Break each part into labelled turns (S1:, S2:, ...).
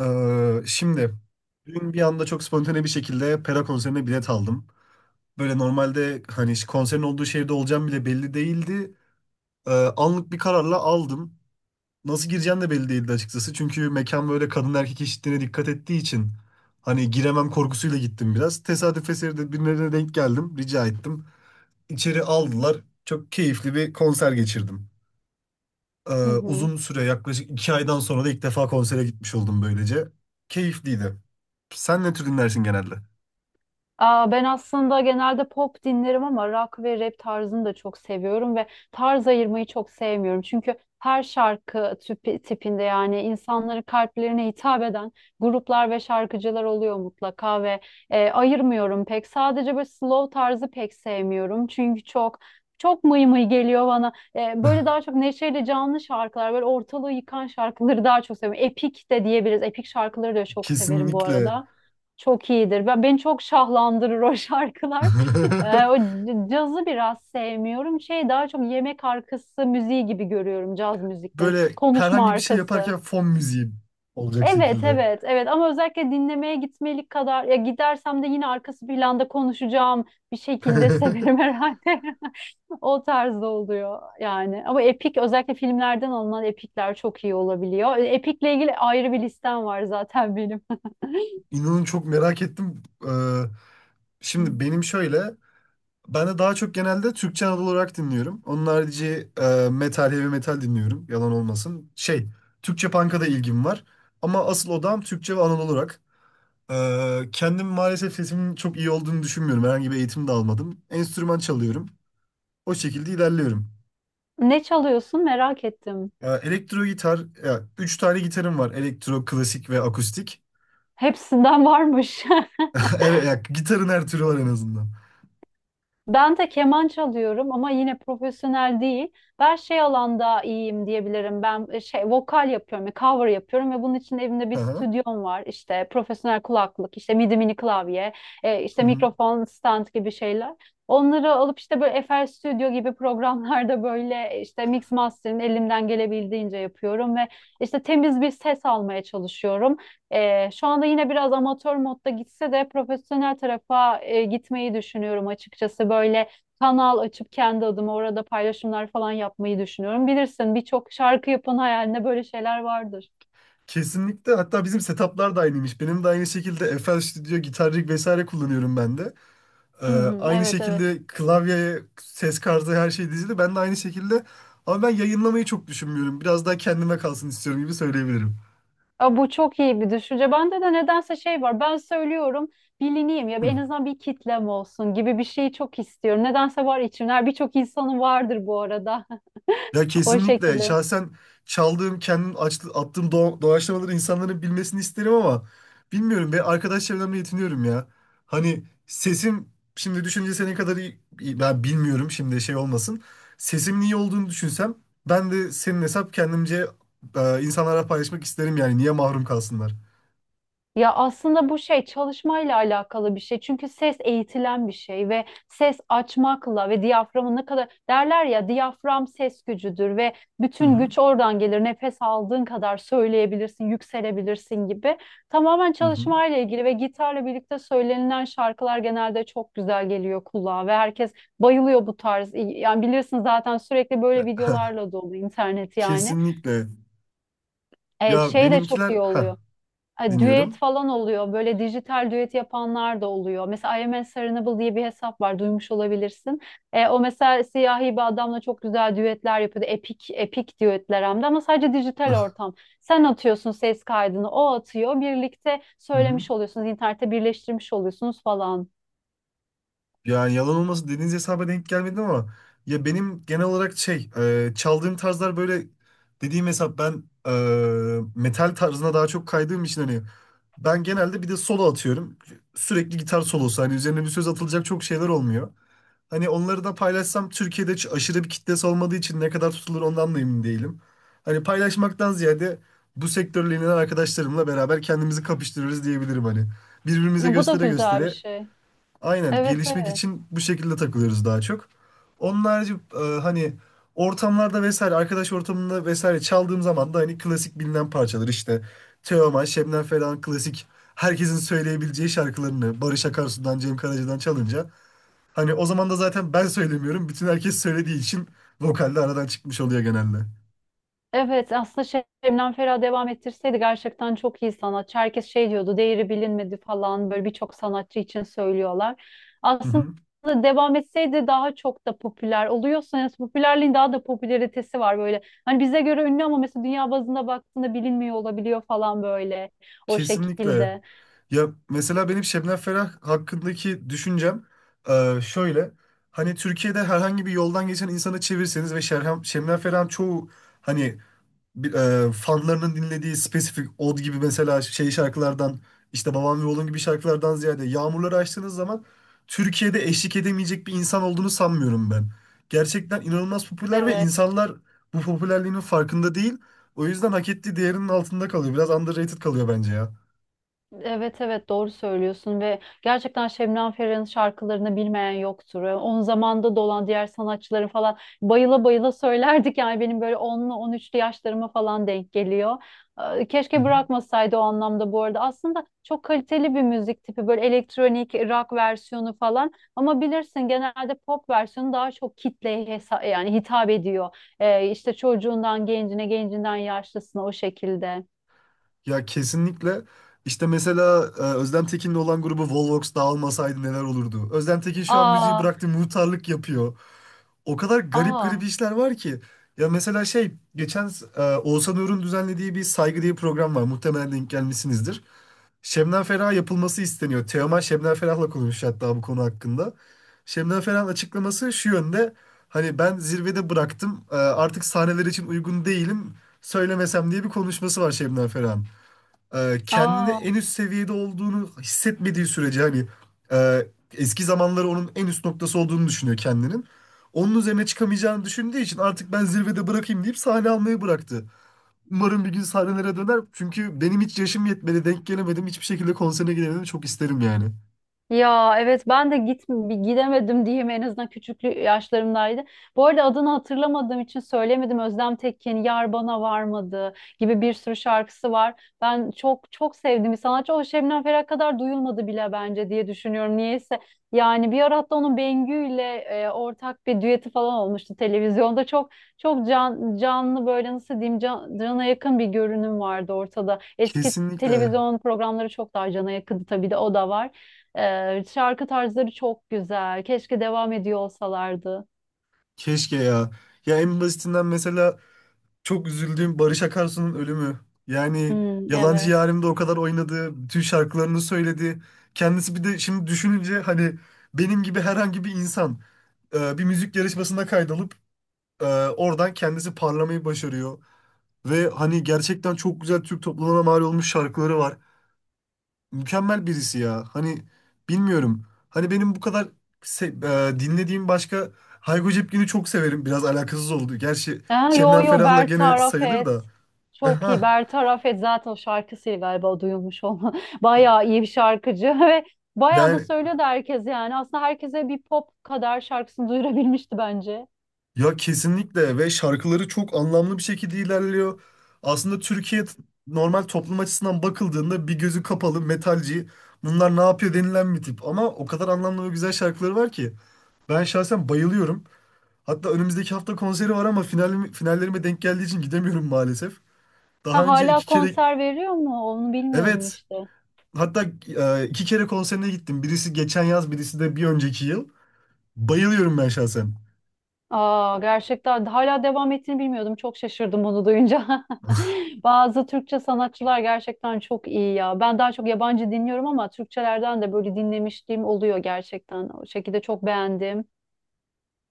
S1: Şimdi dün bir anda çok spontane bir şekilde Pera konserine bilet aldım. Böyle normalde hani konserin olduğu şehirde olacağım bile belli değildi. Ee, Anlık bir kararla aldım. Nasıl gireceğim de belli değildi açıkçası. Çünkü mekan böyle kadın erkek eşitliğine dikkat ettiği için hani giremem korkusuyla gittim biraz. Tesadüf eseri de birilerine denk geldim. Rica ettim. İçeri aldılar. Çok keyifli bir konser geçirdim. Ee,
S2: Hı hı.
S1: Uzun süre yaklaşık 2 aydan sonra da ilk defa konsere gitmiş oldum böylece. Keyifliydi. Sen ne tür dinlersin genelde?
S2: Aa, ben aslında genelde pop dinlerim ama rock ve rap tarzını da çok seviyorum ve tarz ayırmayı çok sevmiyorum. Çünkü her şarkı tipinde yani insanların kalplerine hitap eden gruplar ve şarkıcılar oluyor mutlaka ve ayırmıyorum pek. Sadece böyle slow tarzı pek sevmiyorum. Çünkü çok mıy mıy geliyor bana. Böyle daha çok neşeyle canlı şarkılar, böyle ortalığı yıkan şarkıları daha çok seviyorum. Epik de diyebiliriz. Epik şarkıları da çok severim bu
S1: Kesinlikle.
S2: arada. Çok iyidir. Ben beni çok şahlandırır o şarkılar. O cazı biraz sevmiyorum. Şey daha çok yemek arkası müziği gibi görüyorum caz müziklerini.
S1: Böyle
S2: Konuşma
S1: herhangi bir şey
S2: arkası.
S1: yaparken fon müziği olacak
S2: Evet,
S1: şekilde.
S2: evet, evet. Ama özellikle dinlemeye gitmelik kadar ya gidersem de yine arkası planda konuşacağım bir şekilde severim herhalde. O tarzda oluyor yani. Ama epik özellikle filmlerden alınan epikler çok iyi olabiliyor. Epikle ilgili ayrı bir listem var zaten benim.
S1: İnanın çok merak ettim. Ee, Şimdi benim şöyle, ben de daha çok genelde Türkçe Anadolu olarak dinliyorum. Onun harici metal, heavy metal dinliyorum. Yalan olmasın. Türkçe punk'a da ilgim var. Ama asıl odam Türkçe ve Anadolu rock. Kendim maalesef sesimin çok iyi olduğunu düşünmüyorum. Herhangi bir eğitim de almadım. Enstrüman çalıyorum. O şekilde ilerliyorum.
S2: Ne çalıyorsun merak ettim.
S1: Elektro gitar, ya, 3 tane gitarım var. Elektro, klasik ve akustik.
S2: Hepsinden varmış.
S1: Evet, ya, gitarın her türü var en azından.
S2: Ben de keman çalıyorum ama yine profesyonel değil. Ben şey alanda iyiyim diyebilirim. Ben şey vokal yapıyorum, cover yapıyorum ve bunun için evimde bir
S1: Aha.
S2: stüdyom var. İşte profesyonel kulaklık, işte midi mini klavye, işte
S1: Hı hı.
S2: mikrofon stand gibi şeyler. Onları alıp işte böyle FL Studio gibi programlarda böyle işte mix master'ın elimden gelebildiğince yapıyorum ve işte temiz bir ses almaya çalışıyorum. Şu anda yine biraz amatör modda gitse de profesyonel tarafa gitmeyi düşünüyorum açıkçası. Böyle kanal açıp kendi adıma orada paylaşımlar falan yapmayı düşünüyorum. Bilirsin birçok şarkı yapan hayalinde böyle şeyler vardır.
S1: Kesinlikle. Hatta bizim setuplar da aynıymış. Benim de aynı şekilde FL Studio, Guitar Rig vesaire kullanıyorum ben de. Ee,
S2: Hı hı,
S1: Aynı
S2: evet evet.
S1: şekilde klavyeye, ses kartı her şey dizili. Ben de aynı şekilde ama ben yayınlamayı çok düşünmüyorum. Biraz daha kendime kalsın istiyorum gibi söyleyebilirim.
S2: Aa, bu çok iyi bir düşünce. Bende de nedense şey var. Ben söylüyorum bilineyim ya
S1: Hı.
S2: en azından bir kitlem olsun gibi bir şeyi çok istiyorum. Nedense var içimler. Birçok insanın vardır bu arada.
S1: Ya
S2: O
S1: kesinlikle
S2: şekilde.
S1: şahsen çaldığım, attığım doğaçlamaları insanların bilmesini isterim ama bilmiyorum ve arkadaş çevremle yetiniyorum ya. Hani sesim şimdi düşünce senin kadar iyi, ben bilmiyorum şimdi şey olmasın. Sesimin iyi olduğunu düşünsem ben de senin hesap kendimce insanlara paylaşmak isterim yani niye mahrum kalsınlar.
S2: Ya aslında bu şey çalışmayla alakalı bir şey. Çünkü ses eğitilen bir şey ve ses açmakla ve diyaframın ne kadar derler ya diyafram ses gücüdür ve
S1: Hı
S2: bütün
S1: hı.
S2: güç oradan gelir. Nefes aldığın kadar söyleyebilirsin, yükselebilirsin gibi. Tamamen
S1: Hı hı.
S2: çalışmayla ilgili ve gitarla birlikte söylenilen şarkılar genelde çok güzel geliyor kulağa ve herkes bayılıyor bu tarz. Yani bilirsin zaten sürekli böyle videolarla dolu internet yani.
S1: Kesinlikle.
S2: Evet,
S1: Ya
S2: şey de çok
S1: benimkiler
S2: iyi oluyor düet
S1: dinliyorum.
S2: falan oluyor. Böyle dijital düet yapanlar da oluyor. Mesela I Am Unserenable diye bir hesap var. Duymuş olabilirsin. E, o mesela siyahi bir adamla çok güzel düetler yapıyordu. Epik, epik düetler hem de ama sadece dijital
S1: Hı
S2: ortam. Sen atıyorsun ses kaydını, o atıyor. Birlikte
S1: hı.
S2: söylemiş oluyorsunuz. İnternette birleştirmiş oluyorsunuz falan.
S1: Ya yalan olması dediğiniz hesaba denk gelmedim ama ya benim genel olarak şey çaldığım tarzlar böyle dediğim hesap ben metal tarzına daha çok kaydığım için hani ben genelde bir de solo atıyorum. Sürekli gitar solosu hani üzerine bir söz atılacak çok şeyler olmuyor. Hani onları da paylaşsam Türkiye'de hiç aşırı bir kitlesi olmadığı için ne kadar tutulur ondan da emin değilim. Hani paylaşmaktan ziyade bu sektörle ilgilenen arkadaşlarımla beraber kendimizi kapıştırırız diyebilirim hani. Birbirimize
S2: E, bu da
S1: göstere
S2: güzel bir
S1: göstere
S2: şey.
S1: aynen
S2: Evet
S1: gelişmek
S2: evet.
S1: için bu şekilde takılıyoruz daha çok. Onun harici hani ortamlarda vesaire arkadaş ortamında vesaire çaldığım zaman da hani klasik bilinen parçalar işte Teoman, Şebnem Ferah'ın klasik herkesin söyleyebileceği şarkılarını Barış Akarsu'dan, Cem Karaca'dan çalınca hani o zaman da zaten ben söylemiyorum. Bütün herkes söylediği için vokalde aradan çıkmış oluyor genelde.
S2: Evet aslında şey, Şebnem Ferah devam ettirseydi gerçekten çok iyi sanatçı. Herkes şey diyordu değeri bilinmedi falan böyle birçok sanatçı için söylüyorlar.
S1: Hı
S2: Aslında
S1: hı.
S2: devam etseydi daha çok da popüler oluyorsa yani popülerliğin daha da popülaritesi var böyle. Hani bize göre ünlü ama mesela dünya bazında baktığında bilinmiyor olabiliyor falan böyle o
S1: Kesinlikle.
S2: şekilde.
S1: Ya mesela benim Şebnem Ferah hakkındaki düşüncem şöyle. Hani Türkiye'de herhangi bir yoldan geçen insanı çevirseniz ve Şebnem Ferah'ın çoğu hani bir, fanlarının dinlediği spesifik od gibi mesela şey şarkılardan işte Babam ve Oğlum gibi şarkılardan ziyade Yağmurları açtığınız zaman Türkiye'de eşlik edemeyecek bir insan olduğunu sanmıyorum ben. Gerçekten inanılmaz popüler ve
S2: Evet.
S1: insanlar bu popülerliğinin farkında değil. O yüzden hak ettiği değerinin altında kalıyor. Biraz underrated kalıyor bence ya.
S2: Evet evet doğru söylüyorsun ve gerçekten Şebnem Ferah'ın şarkılarını bilmeyen yoktur. Yani onun zamanda da olan diğer sanatçıların falan bayıla bayıla söylerdik yani benim böyle onlu on üçlü yaşlarıma falan denk geliyor.
S1: Hı
S2: Keşke
S1: hı.
S2: bırakmasaydı o anlamda bu arada. Aslında çok kaliteli bir müzik tipi böyle elektronik rock versiyonu falan ama bilirsin genelde pop versiyonu daha çok kitleye yani hitap ediyor. İşte çocuğundan gencine, gencinden yaşlısına o şekilde.
S1: Ya kesinlikle. İşte mesela Özlem Tekin'le olan grubu Volvox dağılmasaydı neler olurdu? Özlem Tekin şu an müziği
S2: Aa,
S1: bıraktı, muhtarlık yapıyor. O kadar garip
S2: aa,
S1: garip işler var ki. Ya mesela şey geçen Oğuzhan Uğur'un düzenlediği bir saygı diye bir program var. Muhtemelen denk gelmişsinizdir. Şebnem Ferah yapılması isteniyor. Teoman Şebnem Ferah'la konuşmuş hatta bu konu hakkında. Şebnem Ferah'ın açıklaması şu yönde. Hani ben zirvede bıraktım. Artık sahneler için uygun değilim. Söylemesem diye bir konuşması var Şebnem Ferah'ın kendini
S2: aa.
S1: en üst seviyede olduğunu hissetmediği sürece hani eski zamanları onun en üst noktası olduğunu düşünüyor kendinin. Onun üzerine çıkamayacağını düşündüğü için artık ben zirvede bırakayım deyip sahne almayı bıraktı. Umarım bir gün sahnelere döner. Çünkü benim hiç yaşım yetmedi, denk gelemedim. Hiçbir şekilde konserine gidemedim. Çok isterim yani.
S2: Ya evet ben de gidemedim diyeyim en azından küçüklü yaşlarımdaydı. Bu arada adını hatırlamadığım için söylemedim. Özlem Tekin, Yar Bana Varmadı gibi bir sürü şarkısı var. Ben çok çok sevdiğim bir sanatçı. O Şebnem Ferah kadar duyulmadı bile bence diye düşünüyorum. Niyeyse yani bir ara hatta onun Bengü ile ortak bir düeti falan olmuştu televizyonda. Çok canlı böyle nasıl diyeyim cana yakın bir görünüm vardı ortada. Eski
S1: Kesinlikle.
S2: televizyon programları çok daha cana yakındı tabii de o da var. Şarkı tarzları çok güzel. Keşke devam ediyor olsalardı.
S1: Keşke ya. Ya en basitinden mesela çok üzüldüğüm Barış Akarsu'nun ölümü. Yani
S2: Hmm,
S1: Yalancı
S2: evet.
S1: Yarim'de o kadar oynadı, bütün şarkılarını söyledi. Kendisi bir de şimdi düşününce hani benim gibi herhangi bir insan bir müzik yarışmasına kaydolup e, oradan kendisi parlamayı başarıyor. Ve hani gerçekten çok güzel Türk toplumuna mal olmuş şarkıları var. Mükemmel birisi ya. Hani bilmiyorum. Hani benim bu kadar dinlediğim başka Hayko Cepkin'i çok severim. Biraz alakasız oldu. Gerçi
S2: Ha, yo
S1: Şebnem
S2: yo
S1: Ferah'la gene
S2: Bertaraf
S1: sayılır da.
S2: et. Çok iyi.
S1: Aha,
S2: Bertaraf et zaten o şarkısıyla galiba duyulmuş olma. Bayağı iyi bir şarkıcı ve bayağı da
S1: yani
S2: söylüyordu herkes yani. Aslında herkese bir pop kadar şarkısını duyurabilmişti bence.
S1: ya kesinlikle ve şarkıları çok anlamlı bir şekilde ilerliyor. Aslında normal toplum açısından bakıldığında bir gözü kapalı metalci bunlar ne yapıyor denilen bir tip. Ama o kadar anlamlı ve güzel şarkıları var ki ben şahsen bayılıyorum. Hatta önümüzdeki hafta konseri var ama finallerime denk geldiği için gidemiyorum maalesef. Daha
S2: Ha,
S1: önce
S2: hala
S1: 2 kere
S2: konser veriyor mu? Onu bilmiyordum
S1: evet
S2: işte.
S1: hatta 2 kere konserine gittim. Birisi geçen yaz birisi de bir önceki yıl. Bayılıyorum ben şahsen.
S2: Aa, gerçekten hala devam ettiğini bilmiyordum. Çok şaşırdım onu duyunca. Bazı Türkçe sanatçılar gerçekten çok iyi ya. Ben daha çok yabancı dinliyorum ama Türkçelerden de böyle dinlemişliğim oluyor gerçekten. O şekilde çok beğendim.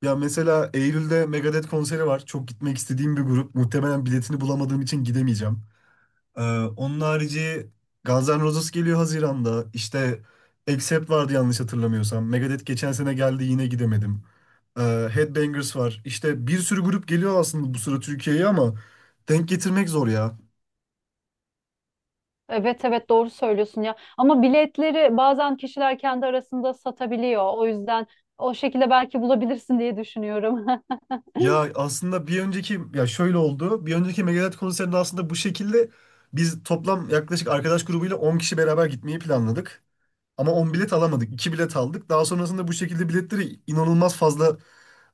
S1: Ya mesela Eylül'de Megadeth konseri var. Çok gitmek istediğim bir grup. Muhtemelen biletini bulamadığım için gidemeyeceğim. Ee, Onun harici Guns N' Roses geliyor Haziran'da. İşte Accept vardı yanlış hatırlamıyorsam. Megadeth geçen sene geldi yine gidemedim. Headbangers var. İşte bir sürü grup geliyor aslında bu sıra Türkiye'ye ama denk getirmek zor ya.
S2: Evet evet doğru söylüyorsun ya. Ama biletleri bazen kişiler kendi arasında satabiliyor. O yüzden o şekilde belki bulabilirsin diye düşünüyorum.
S1: Ya aslında bir önceki ya şöyle oldu. Bir önceki Megadeth konserinde aslında bu şekilde biz toplam yaklaşık arkadaş grubuyla 10 kişi beraber gitmeyi planladık. Ama 10 bilet alamadık. İki bilet aldık. Daha sonrasında bu şekilde biletleri inanılmaz fazla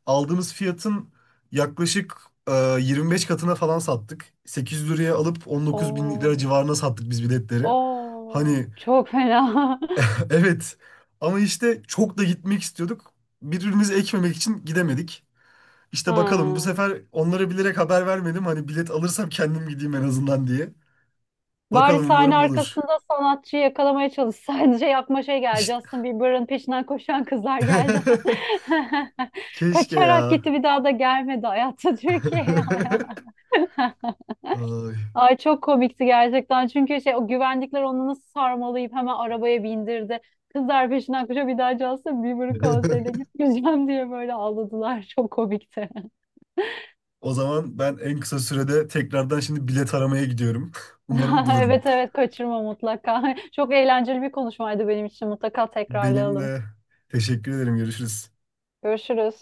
S1: aldığımız fiyatın yaklaşık e, 25 katına falan sattık. 800 liraya alıp 19 bin lira
S2: Oo,
S1: civarına sattık biz biletleri.
S2: oo,
S1: Hani
S2: çok fena.
S1: evet ama işte çok da gitmek istiyorduk. Birbirimizi ekmemek için gidemedik. İşte bakalım bu
S2: Ha.
S1: sefer onlara bilerek haber vermedim. Hani bilet alırsam kendim gideyim en azından diye.
S2: Bari
S1: Bakalım
S2: sahne
S1: umarım olur.
S2: arkasında sanatçıyı yakalamaya çalışsaydı şey yapma şey geldi.
S1: İşte.
S2: Justin Bieber'ın peşinden koşan kızlar geldi.
S1: Keşke
S2: Kaçarak
S1: ya.
S2: gitti bir daha da gelmedi hayatta Türkiye'ye.
S1: Ay.
S2: Ay çok komikti gerçekten. Çünkü şey o güvenlikler onu nasıl sarmalayıp hemen arabaya bindirdi. Kızlar peşinden koşuyor bir daha Justin Bieber'ın konserine gitmeyeceğim diye böyle ağladılar. Çok komikti.
S1: O zaman ben en kısa sürede tekrardan şimdi bilet aramaya gidiyorum. Umarım bulurum.
S2: Evet evet kaçırma mutlaka. Çok eğlenceli bir konuşmaydı benim için. Mutlaka
S1: Benim
S2: tekrarlayalım.
S1: de teşekkür ederim. Görüşürüz.
S2: Görüşürüz.